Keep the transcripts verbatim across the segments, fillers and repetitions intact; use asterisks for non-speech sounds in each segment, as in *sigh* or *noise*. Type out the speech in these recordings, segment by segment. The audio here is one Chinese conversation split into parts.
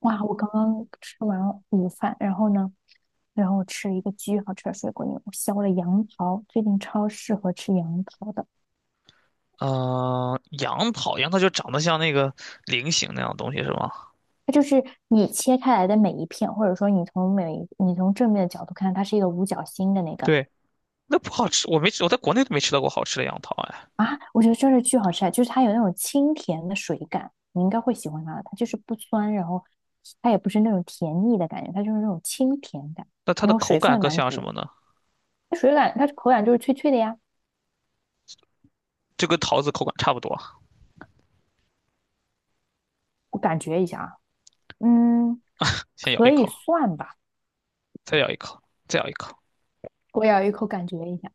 哇，我刚刚吃完午饭，然后呢，然后我吃了一个巨好吃的水果泥，我削了杨桃，最近超适合吃杨桃的。嗯、杨桃，杨桃就长得像那个菱形那样的东西是吗？它就是你切开来的每一片，或者说你从每一你从正面的角度看，它是一个五角星的那个。对，那不好吃，我没吃，我在国内都没吃到过好吃的杨桃哎。啊，我觉得真是巨好吃啊！就是它有那种清甜的水感，你应该会喜欢它的。它就是不酸，然后它也不是那种甜腻的感觉，它就是那种清甜感，那它然的后口水分感也更蛮像足什的。么呢？它水感它口感就是脆脆的呀，就跟桃子口感差不多。我感觉一下啊，嗯。先咬一可以口，算吧，再咬一口，再咬一口。我咬一口感觉一下。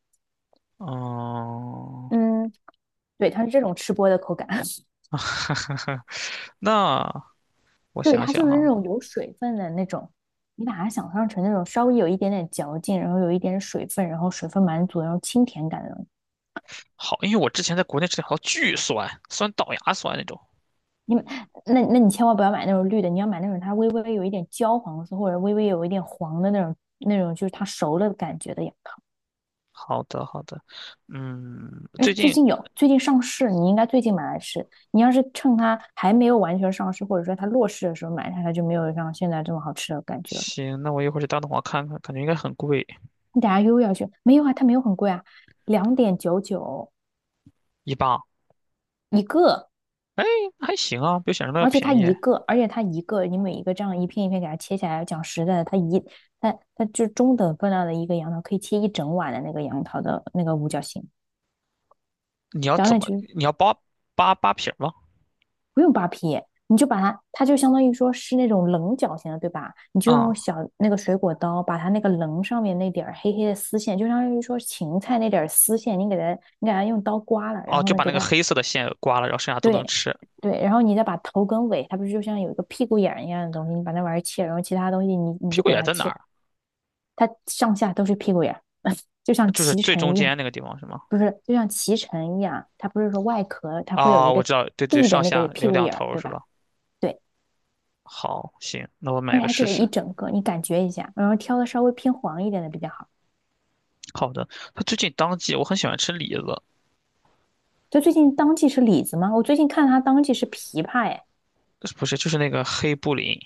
嗯，嗯，对，它是这种吃播的口感，*laughs* 那我 *laughs* 对，想它想就是那哈、种有水分的那种。你把它想象成那种稍微有一点点嚼劲，然后有一点水分，然后水分满足，然后清甜感的。那种。好，因为我之前在国内吃的好巨酸，酸倒牙酸那种。你那那你千万不要买那种绿的，你要买那种它微微有一点焦黄色，或者微微有一点黄的那种那种，就是它熟了的感觉的呀。好的，好的，嗯，哎，最最近近有，最近上市，你应该最近买来吃。你要是趁它还没有完全上市，或者说它落市的时候买它，它就没有像现在这么好吃的感觉了。行，那我一会儿去大东华看看，感觉应该很贵，你等下又要去，没有啊，它没有很贵啊，两点九九一磅。一个，哎，还行啊，比我想象的要而且它便一宜。个，而且它一个，你每一个这样一片一片给它切下来，讲实在的，它一它它就中等分量的一个杨桃，可以切一整碗的那个杨桃的那个五角星，你要两怎点么？九你要扒扒扒皮儿吗？不用扒皮，你就把它，它就相当于说是那种棱角形的，对吧？你就用啊、小那个水果刀把它那个棱上面那点儿黑黑的丝线，就相当于说芹菜那点儿丝线，你给它，你给它用刀刮了，然哦，后就呢，把给那个它。黑色的线刮了，然后剩下都能对吃。对，然后你再把头跟尾，它不是就像有一个屁股眼儿一样的东西，你把那玩意儿切，然后其他东西你你屁就股给眼它在哪切，儿？它上下都是屁股眼儿，*laughs* 就像就是脐最中橙一样。间那个地方是吗？不是，就像脐橙一样，它不是说外壳它会有啊、一我个知道，对对，地的上那下个屁留股两眼头儿，儿对是吧？吧？对，好，行，那我而买且个它这试个试。一整个你感觉一下，然后挑的稍微偏黄一点的比较好。好的，它最近当季，我很喜欢吃李子，就最近当季是李子吗？我最近看它当季是枇杷哎。不是，就是那个黑布林。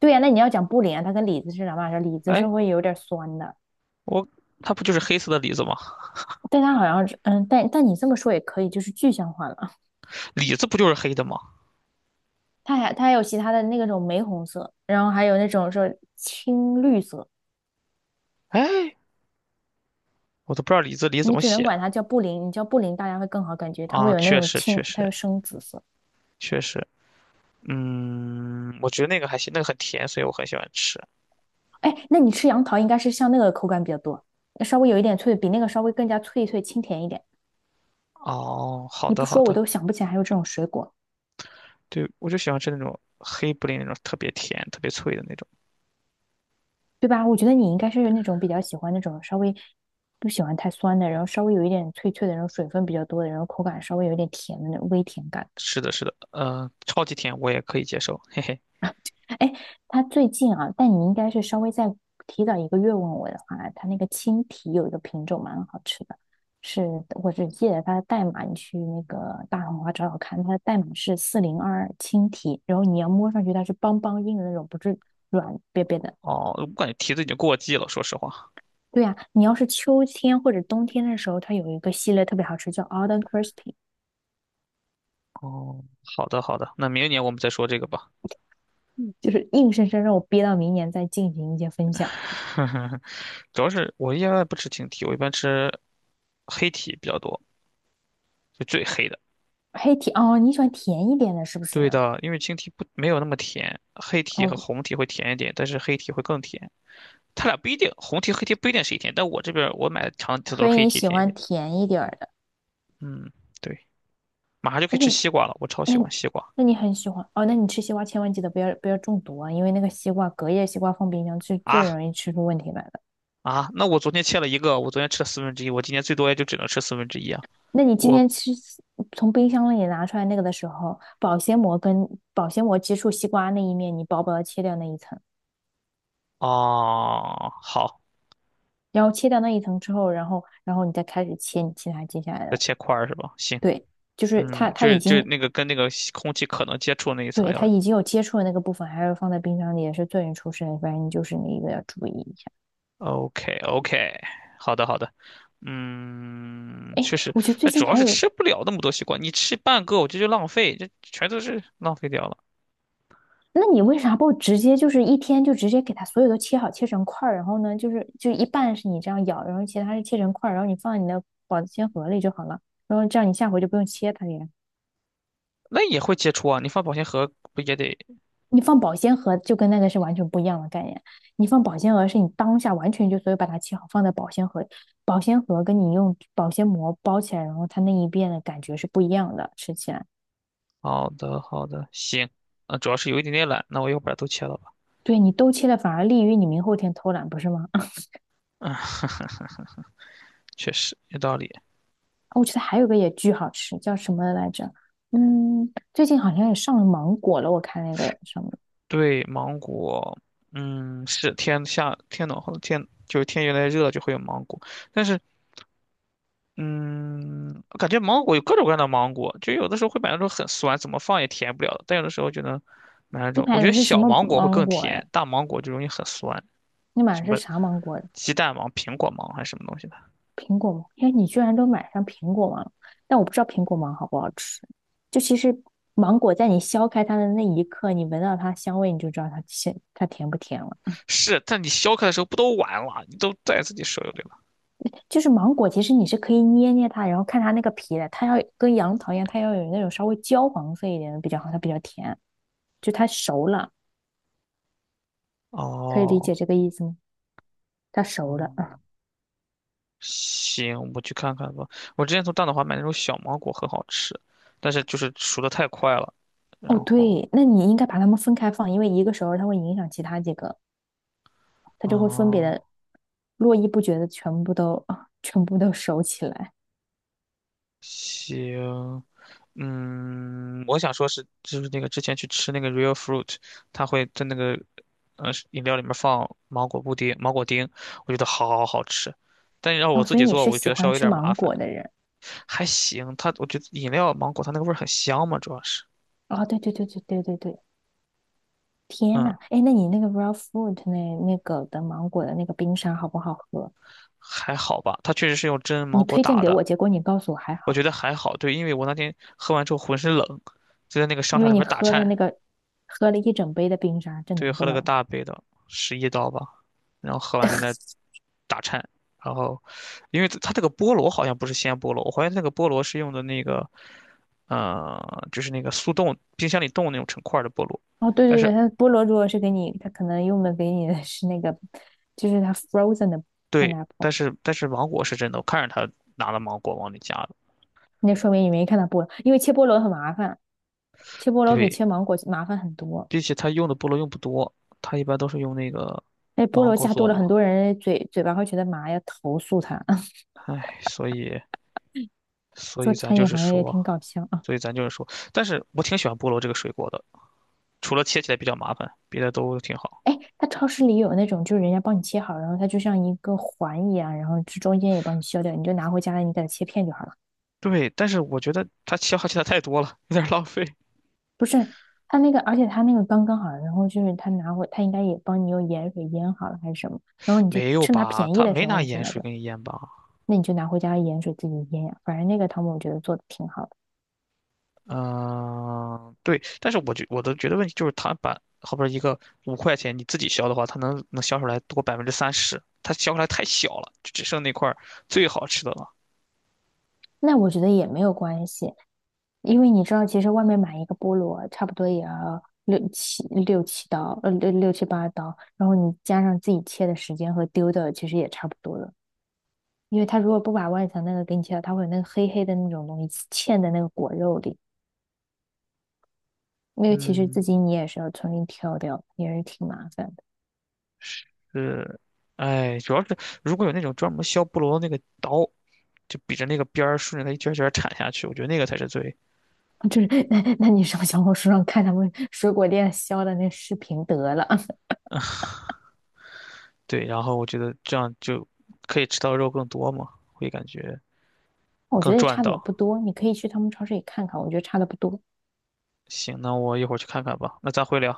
对呀、啊，那你要讲布林啊，它跟李子是两码事，李子是哎，会有点酸的，我它不就是黑色的李子吗？但它好像嗯，但但你这么说也可以，就是具象化了啊。李子不就是黑的吗？它还它还有其他的那种玫红色，然后还有那种说青绿色，哎，我都不知道李子李怎你么只能写管它叫布林，你叫布林大家会更好感觉，它啊！会有那确种实，青，确它实，有深紫色。确实。嗯，我觉得那个还行，那个很甜，所以我很喜欢吃。哎，那你吃杨桃应该是像那个口感比较多，稍微有一点脆，比那个稍微更加脆脆清甜一点。哦，好你不的好说我的，都想不起来还有这种水果，对，我就喜欢吃那种黑布林那种特别甜、特别脆的那种。对吧？我觉得你应该是那种比较喜欢那种稍微不喜欢太酸的，然后稍微有一点脆脆的，然后水分比较多的，然后口感稍微有一点甜的那种微甜感。是的，是的，呃，超级甜我也可以接受，嘿嘿。哎，它最近啊，但你应该是稍微再提早一个月问我的话，它那个青提有一个品种蛮好吃的，是我是记得它的代码，你去那个大红花找找看，它的代码是四零二青提，然后你要摸上去它是邦邦硬的那种，不是软瘪瘪的。哦，我感觉提子已经过季了，说实话。对啊，你要是秋天或者冬天的时候，它有一个系列特别好吃，叫 Alden Crispy,哦，好的好的，那明年我们再说这个吧。就是硬生生让我憋到明年再进行一些分享，是吧？*laughs* 主要是我一般不吃青提，我一般吃黑提比较多，就最黑的。黑甜哦，你喜欢甜一点的，是不对是？的，因为青提不没有那么甜，黑提哦，和红提会甜一点，但是黑提会更甜。它俩不一定，红 T 黑 T 不一定是一天，但我这边我买的长的所都以是黑 你 T 喜甜一欢点。甜一点儿的。嗯，对，马上就可以哎，那吃你西瓜了，我超那喜欢你西瓜那你很喜欢哦？那你吃西瓜千万记得不要不要中毒啊，因为那个西瓜隔夜西瓜放冰箱是最啊容易吃出问题来的。啊！那我昨天切了一个，我昨天吃了四分之一，我今天最多也就只能吃四分之一啊。那你今我天吃从冰箱里拿出来那个的时候，保鲜膜跟保鲜膜接触西瓜那一面，你薄薄的切掉那一层。哦，好，然后切掉那一层之后，然后然后你再开始切你其他接下来要的。切块儿是吧？行，对，就是它嗯，它就已是就是经那个跟那个空气可能接触那一层对，要 它已经有接触的那个部分，还是放在冰箱里也是最容易出事的，反正你就是那一个要注意一下。OK OK，好的好的。嗯，哎，确实，我觉得最但主近要还是有，吃不了那么多西瓜，你吃半个我觉得就浪费，这全都是浪费掉了。那你为啥不直接就是一天就直接给它所有都切好，切成块儿，然后呢就是就一半是你这样咬，然后其他是切成块儿，然后你放在你的保鲜盒里就好了，然后这样你下回就不用切它了呀。那也会接触啊，你放保鲜盒不也得？你放保鲜盒就跟那个是完全不一样的概念。你放保鲜盒是你当下完全就所以把它切好放在保鲜盒，保鲜盒跟你用保鲜膜包起来，然后它那一遍的感觉是不一样的，吃起来。好的，好的，行。啊，主要是有一点点懒，那我一会儿把它都切了吧。对你都切了，反而利于你明后天偷懒，不是吗？*laughs* 啊，啊，确实有道理。我觉得还有个也巨好吃，叫什么来着？嗯，最近好像也上了芒果了，我看那个什么，对，芒果，嗯，是天下天暖和天，就是天越来越热就会有芒果，但是，嗯，我感觉芒果有各种各样的芒果，就有的时候会买那种很酸，怎么放也甜不了的但有的时候就能买那你种，我买觉的得是什小么芒果会芒更果呀？甜，大芒果就容易很酸，你买的什是么啥芒果呀？鸡蛋芒、苹果芒还是什么东西的。苹果芒，哎，你居然都买上苹果芒了，但我不知道苹果芒好不好吃。就其实芒果在你削开它的那一刻，你闻到它香味，你就知道它甜，它甜不甜了。是，但你削开的时候不都完了？你都在自己手里了。就是芒果，其实你是可以捏捏它，然后看它那个皮的，它要跟杨桃一样，它要有那种稍微焦黄色一点的比较好，它比较甜。就它熟了，可以理哦，解这个意思吗？它熟了。嗯，行，我去看看吧。我之前从大董华买那种小芒果，很好吃，但是就是熟的太快了。哦，然后，对，那你应该把它们分开放，因为一个熟了它会影响其他几个。它就会分别哦，的络绎不绝的全部都啊，全部都收起来。行，嗯，我想说是，就是那个之前去吃那个 Real Fruit，它会在那个呃饮料里面放芒果布丁、芒果丁，我觉得好好好吃。但是要我哦，自所以己你做，是我就觉喜得稍欢微有吃点麻芒烦。果的人。还行，它我觉得饮料芒果它那个味儿很香嘛，主要是，哦，对对对对对对对，天嗯，呐，哎，那你那个 raw fruit 那那个的芒果的那个冰沙好不好喝？还好吧。它确实是用真你芒果推荐打给的，我，结果你告诉我还我觉好，得还好。对，因为我那天喝完之后浑身冷，就在那个商因场为里你边打喝了那颤，个喝了一整杯的冰沙，这对，能不喝了冷个吗？大杯的，十一刀吧，然后喝完在那打颤，然后因为它这个菠萝好像不是鲜菠萝，我怀疑那个菠萝是用的那个，呃，就是那个速冻冰箱里冻那种成块儿的菠萝，哦，对但对对，是它菠萝如果是给你，它可能用的给你的是那个，就是它 frozen 的 对，但 pineapple。是但是芒果是真的，我看着他拿了芒果往里加的。那说明你没看到菠萝，因为切菠萝很麻烦，切菠萝比对，切芒果麻烦很多。并且它用的菠萝用不多，它一般都是用那个那菠芒萝果加多做了，嘛。很多人嘴嘴巴会觉得麻，要投诉他。*laughs* 唉，所以，所做以咱餐就饮是行业也说，挺搞笑啊！所以咱就是说，但是我挺喜欢菠萝这个水果的，除了切起来比较麻烦，别的都挺好。哎，他超市里有那种，就是人家帮你切好，然后它就像一个环一样，然后这中间也帮你削掉，你就拿回家了，你给它切片就好了。对，但是我觉得它消耗起来太多了，有点儿浪费。不是，他那个，而且他那个刚刚好，然后就是他拿回，他应该也帮你用盐水腌好了还是什么，然后你就没有趁它吧？便宜它的时没候拿你去盐买水就，给你腌吧？那你就拿回家盐水自己腌呀。反正那个汤姆我觉得做的挺好的。嗯，对，但是我觉我的觉得问题就是，他把后边一个五块钱你自己削的话，它能能削出来多百分之三十，它削出来太小了，就只剩那块儿最好吃的了。那我觉得也没有关系，因为你知道，其实外面买一个菠萝差不多也要六七六七刀，呃，六六七八刀，然后你加上自己切的时间和丢的，其实也差不多了。因为它如果不把外层那个给你切掉，它会有那个黑黑的那种东西嵌在那个果肉里，那个其实自嗯，己你也是要重新挑掉，也是挺麻烦的。是，哎，主要是如果有那种专门削菠萝的那个刀，就比着那个边儿顺着它一圈儿一圈儿铲下去，我觉得那个才是最就是 *laughs* 那那你上小红书上看他们水果店削的那视频得了，对。然后我觉得这样就可以吃到肉更多嘛，会感觉 *laughs* 我觉更得也赚差的也到。不多，你可以去他们超市里看看，我觉得差的不多。行，那我一会儿去看看吧，那咱回聊。